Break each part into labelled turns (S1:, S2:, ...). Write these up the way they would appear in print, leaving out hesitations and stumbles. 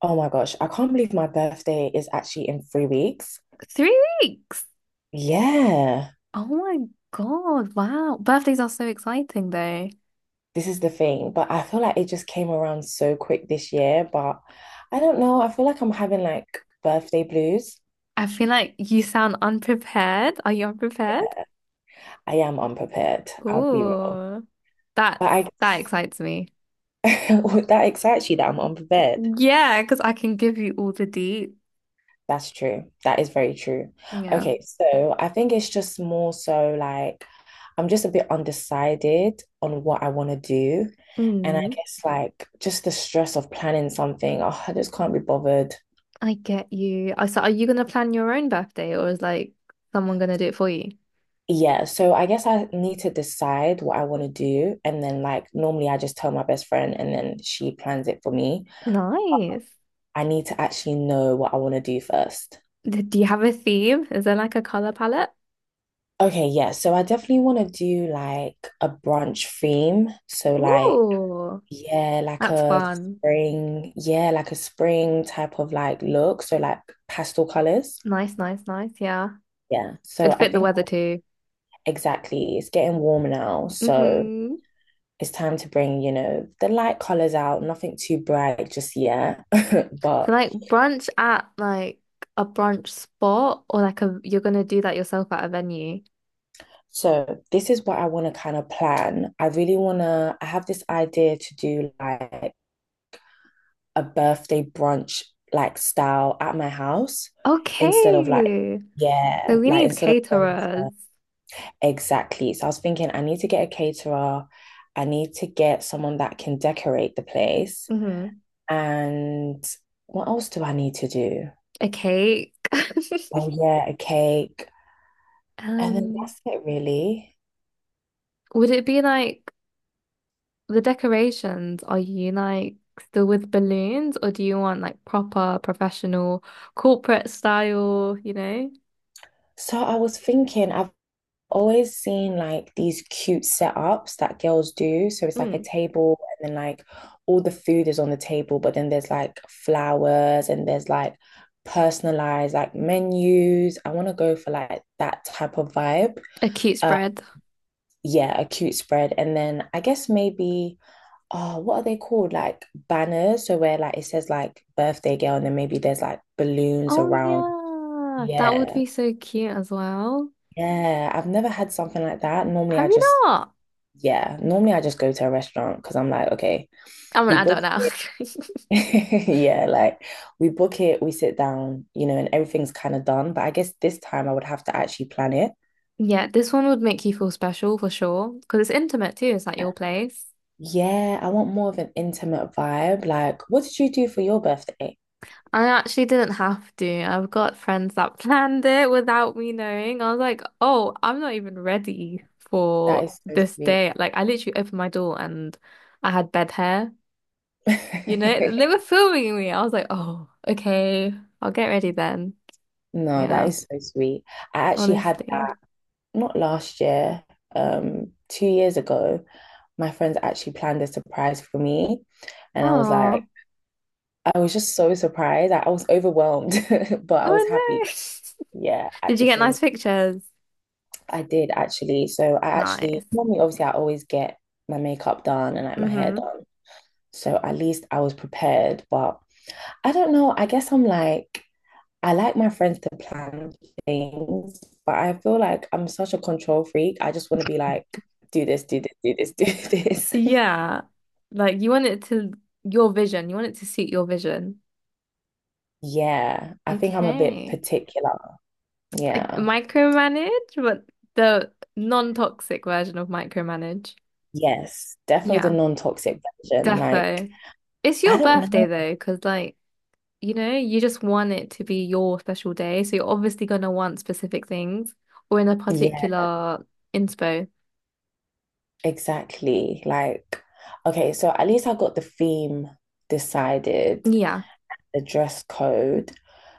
S1: Oh my gosh, I can't believe my birthday is actually in 3 weeks.
S2: 3 weeks.
S1: Yeah,
S2: Oh my God. Wow. Birthdays are so exciting though.
S1: this is the thing. But I feel like it just came around so quick this year. But I don't know. I feel like I'm having like birthday blues.
S2: I feel like you sound unprepared. Are you unprepared?
S1: I am unprepared. I'll be real.
S2: Ooh. That's
S1: But I
S2: that
S1: guess
S2: excites me.
S1: that excites you that I'm unprepared.
S2: Yeah, because I can give you all the deets.
S1: That's true. That is very true.
S2: Yeah.
S1: Okay, so I think it's just more so like I'm just a bit undecided on what I want to do. And I
S2: Mm,
S1: guess like just the stress of planning something, oh, I just can't be bothered.
S2: I get you. I so are you gonna plan your own birthday or is like someone gonna do it for you?
S1: Yeah, so I guess I need to decide what I want to do. And then like normally I just tell my best friend and then she plans it for me.
S2: Nice.
S1: I need to actually know what I want to do first.
S2: Do you have a theme? Is there like a color palette?
S1: Okay, yeah. So I definitely want to do like a brunch theme. So like
S2: Ooh,
S1: Yeah, like
S2: that's
S1: a
S2: fun.
S1: spring, yeah, like a spring type of like look. So like pastel colors.
S2: Nice, nice, nice. Yeah.
S1: Yeah. So
S2: It'd
S1: I
S2: fit the
S1: think
S2: weather too.
S1: exactly, it's getting warmer now. So
S2: hmm
S1: it's time to bring, you know, the light colors out, nothing too bright just yet.
S2: So
S1: But
S2: like brunch at a brunch spot or like a you're gonna do that yourself at a venue.
S1: so this is what I want to kind of plan. I really want to, I have this idea to do like a birthday brunch like style at my house instead of like,
S2: Okay. So
S1: yeah,
S2: we
S1: like
S2: need
S1: instead of going
S2: caterers.
S1: to Exactly. So I was thinking, I need to get a caterer. I need to get someone that can decorate the place.
S2: hmm
S1: And what else do I need to do?
S2: A cake.
S1: Oh, yeah, a cake. And then
S2: Um,
S1: that's it, really.
S2: would it be like the decorations? Are you like still with balloons or do you want like proper professional corporate style, you know?
S1: So I was thinking, I've always seen like these cute setups that girls do. So it's like a
S2: Mm.
S1: table, and then like all the food is on the table, but then there's like flowers and there's like personalized like menus. I want to go for like that type of vibe.
S2: A cute spread.
S1: Yeah, a cute spread. And then I guess maybe, oh, what are they called? Like banners. So where like it says like birthday girl, and then maybe there's like balloons
S2: Oh
S1: around.
S2: yeah, that would
S1: Yeah.
S2: be so cute as well.
S1: Yeah. I've never had something like that. Normally
S2: Have
S1: I
S2: you
S1: just,
S2: not?
S1: yeah, normally I just go to a restaurant because I'm like, okay,
S2: I'm an
S1: we book.
S2: adult now.
S1: Yeah, like we book it, we sit down, you know, and everything's kind of done. But I guess this time I would have to actually plan it.
S2: Yeah, this one would make you feel special for sure because it's intimate too. It's at your place.
S1: Yeah, I want more of an intimate vibe. Like, what did you do for your birthday?
S2: I actually didn't have to. I've got friends that planned it without me knowing. I was like, oh, I'm not even ready
S1: That
S2: for
S1: is so
S2: this
S1: sweet.
S2: day. Like, I literally opened my door and I had bed hair. You know, they were filming me. I was like, oh, okay, I'll get ready then.
S1: No, that
S2: Yeah,
S1: is so sweet. I actually had
S2: honestly.
S1: that not last year, 2 years ago. My friends actually planned a surprise for me, and I was
S2: Aw.
S1: like, I was just so surprised. I was overwhelmed, but I was
S2: Oh
S1: happy.
S2: no.
S1: Yeah, at
S2: Did
S1: the
S2: you get
S1: same,
S2: nice pictures?
S1: I did actually. So I actually
S2: Nice.
S1: normally, obviously, I always get my makeup done and like my hair
S2: hmm
S1: done. So at least I was prepared. But I don't know. I guess I'm like. I like my friends to plan things, but I feel like I'm such a control freak. I just want to be like, do this, do this, do this, do this.
S2: Yeah. Like you want it to your vision. You want it to suit your vision.
S1: Yeah, I think I'm a bit
S2: Okay.
S1: particular.
S2: Like
S1: Yeah.
S2: micromanage, but the non-toxic version of micromanage.
S1: Yes, definitely
S2: Yeah,
S1: the non-toxic version. Like,
S2: defo. It's
S1: I
S2: your
S1: don't
S2: birthday
S1: know.
S2: though, because like, you know, you just want it to be your special day. So you're obviously gonna want specific things or in a
S1: Yeah,
S2: particular inspo.
S1: exactly. Like, okay, so at least I got the theme decided,
S2: Yeah.
S1: the dress code.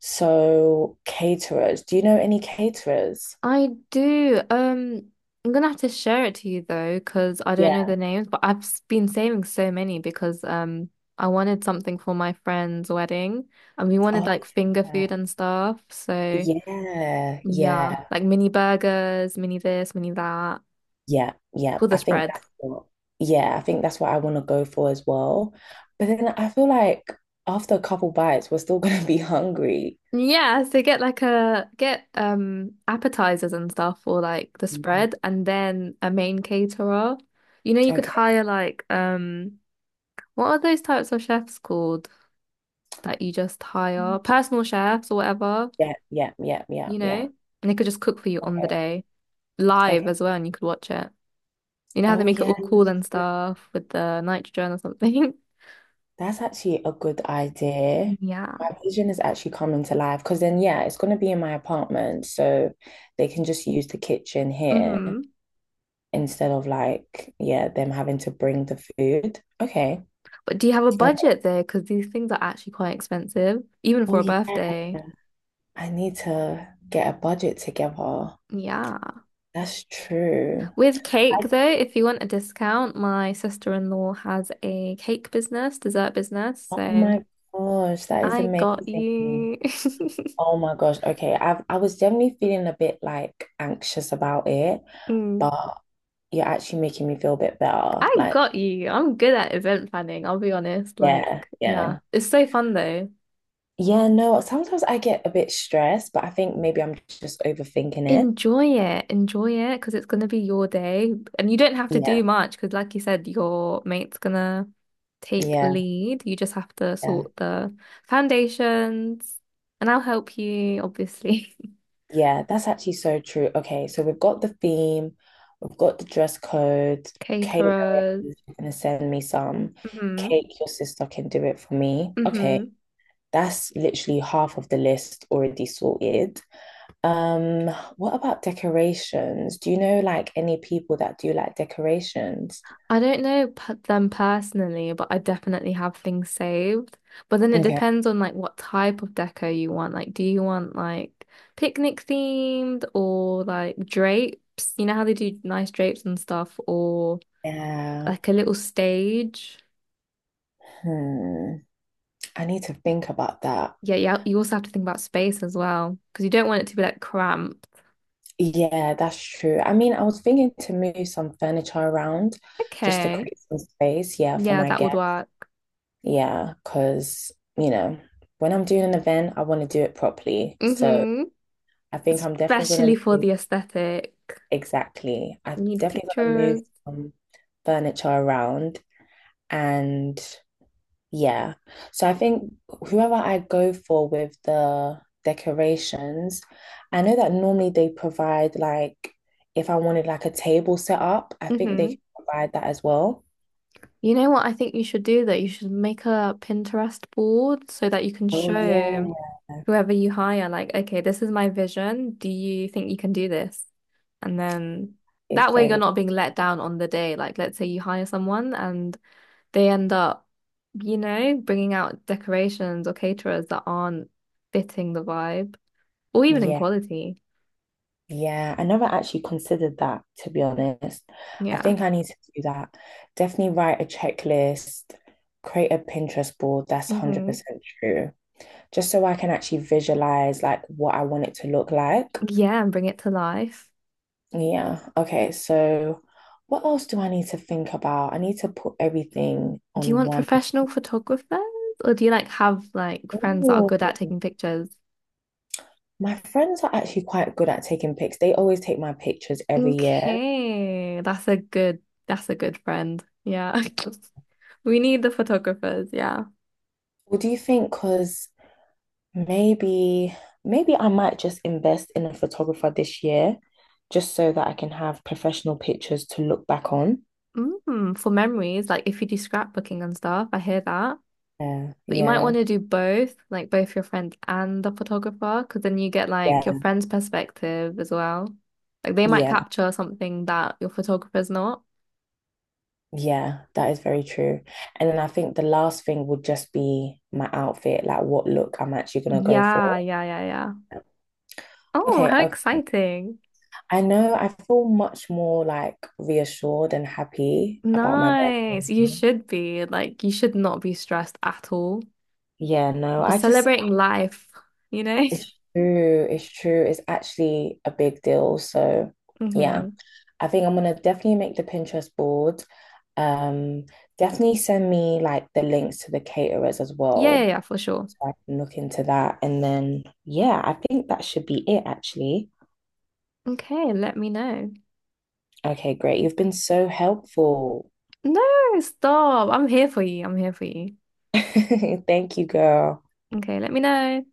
S1: So, caterers, do you know any caterers?
S2: I do. I'm gonna have to share it to you though, because I don't know
S1: Yeah.
S2: the names, but I've been saving so many because I wanted something for my friend's wedding and we wanted
S1: Oh,
S2: like finger
S1: yeah.
S2: food and stuff. So
S1: Yeah,
S2: yeah,
S1: yeah,
S2: like mini burgers, mini this, mini that
S1: yeah, yeah.
S2: for the
S1: I think
S2: spread.
S1: that's what, yeah, I think that's what I want to go for as well. But then I feel like after a couple bites, we're still gonna be hungry.
S2: Yeah, so get like a get appetizers and stuff for like the
S1: Mhm.
S2: spread and then a main caterer. You know, you could
S1: Okay.
S2: hire like what are those types of chefs called that you just hire personal chefs or whatever,
S1: Yeah, yeah, yeah, yeah,
S2: you
S1: yeah.
S2: know, and they could just cook for you on the
S1: Okay,
S2: day live
S1: okay.
S2: as well, and you could watch it. You know how they
S1: Oh
S2: make it
S1: yeah,
S2: all cool and stuff with the nitrogen or something?
S1: that's actually a good idea. My
S2: Yeah.
S1: vision is actually coming to life because then yeah, it's gonna be in my apartment, so they can just use the kitchen here
S2: hmm
S1: instead of like, yeah, them having to bring the food. Okay.
S2: But do you have a budget there? Because these things are actually quite expensive, even for
S1: Oh
S2: a
S1: yeah,
S2: birthday.
S1: I need to get a budget together.
S2: Yeah.
S1: That's true.
S2: With cake,
S1: I,
S2: though, if you want a discount, my sister-in-law has a cake business, dessert business.
S1: oh
S2: So
S1: my gosh, that is
S2: I got
S1: amazing.
S2: you.
S1: Oh my gosh. Okay, I was generally feeling a bit like anxious about it,
S2: Mm.
S1: but you're actually making me feel a bit better.
S2: I
S1: Like,
S2: got you. I'm good at event planning, I'll be honest.
S1: yeah,
S2: Like, yeah,
S1: yeah.
S2: it's so fun though.
S1: Yeah, no, sometimes I get a bit stressed, but I think maybe I'm just overthinking it.
S2: Enjoy it. Enjoy it because it's going to be your day and you don't have to
S1: Yeah,
S2: do much because, like you said, your mate's gonna take
S1: yeah,
S2: lead. You just have to
S1: yeah.
S2: sort the foundations and I'll help you, obviously.
S1: Yeah, that's actually so true. Okay, so we've got the theme, we've got the dress code. Kate
S2: Caterers.
S1: is gonna send me some.
S2: Mm-hmm.
S1: Kate, your sister can do it for me. Okay,
S2: Mm-hmm.
S1: that's literally half of the list already sorted. Um, what about decorations? Do you know like any people that do like decorations?
S2: I don't know p them personally, but I definitely have things saved. But then it
S1: Okay.
S2: depends on like what type of deco you want. Like, do you want like picnic themed or like drapes? You know how they do nice drapes and stuff, or
S1: Yeah.
S2: like a little stage.
S1: Hmm. I need to think about that.
S2: Yeah, yeah. You also have to think about space as well because you don't want it to be like cramped.
S1: Yeah, that's true. I mean, I was thinking to move some furniture around just to
S2: Okay,
S1: create some space, yeah, for
S2: yeah,
S1: my
S2: that would
S1: guests.
S2: work.
S1: Yeah, because, you know, when I'm doing an event, I want to do it properly. So
S2: Mm-hmm.
S1: I think I'm definitely going
S2: Especially
S1: to
S2: for
S1: move.
S2: the aesthetic.
S1: Exactly. I'm
S2: Need
S1: definitely going to
S2: pictures.
S1: move some furniture around and Yeah. So I think whoever I go for with the decorations, I know that normally they provide like if I wanted like a table set up, I think they
S2: Mm-hmm.
S1: can provide that as well.
S2: You know what I think you should do though? You should make a Pinterest board so that you can
S1: Oh
S2: show
S1: yeah.
S2: whoever you hire, like, okay, this is my vision. Do you think you can do this? And then
S1: It's
S2: that way you're
S1: very
S2: not being let down on the day. Like, let's say you hire someone and they end up, you know, bringing out decorations or caterers that aren't fitting the vibe or even in
S1: yeah.
S2: quality.
S1: Yeah. I never actually considered that to be honest. I
S2: Yeah.
S1: think I need to do that. Definitely write a checklist, create a Pinterest board, that's
S2: hmm
S1: 100% true. Just so I can actually visualize like what I want it to look like.
S2: Yeah, and bring it to life.
S1: Yeah. Okay. So, what else do I need to think about? I need to put everything
S2: Do you
S1: on
S2: want
S1: one.
S2: professional photographers or do you like have like friends that are
S1: Oh,
S2: good at taking pictures?
S1: my friends are actually quite good at taking pics. They always take my pictures every year.
S2: Okay, that's a good friend. Yeah. We need the photographers, yeah.
S1: What do you think? Because maybe, maybe I might just invest in a photographer this year, just so that I can have professional pictures to look back on.
S2: Mm, for memories, like if you do scrapbooking and stuff, I hear that.
S1: Yeah.
S2: But you might
S1: Yeah.
S2: want to do both, like both your friend and the photographer, because then you get like your
S1: Yeah.
S2: friend's perspective as well. Like they might
S1: Yeah.
S2: capture something that your photographer's not.
S1: Yeah, that is very true. And then I think the last thing would just be my outfit, like what look I'm actually gonna go
S2: Yeah,
S1: for.
S2: yeah, yeah, yeah. Oh,
S1: Okay,
S2: how
S1: okay.
S2: exciting.
S1: I know I feel much more like reassured and happy about my
S2: Nice.
S1: birthday
S2: You
S1: now.
S2: should be. Like, you should not be stressed at all.
S1: Yeah, no,
S2: Because
S1: I just,
S2: celebrating life, you know?
S1: it's true, it's true. It's actually a big deal. So, yeah,
S2: hmm
S1: I think I'm gonna definitely make the Pinterest board. Um, definitely send me like the links to the caterers as
S2: Yeah, yeah,
S1: well.
S2: yeah, for sure.
S1: So I can look into that. And then, yeah, I think that should be it, actually.
S2: Okay, let me know.
S1: Okay, great. You've been so helpful.
S2: No, stop. I'm here for you. I'm here for you.
S1: Thank you, girl.
S2: Okay, let me know.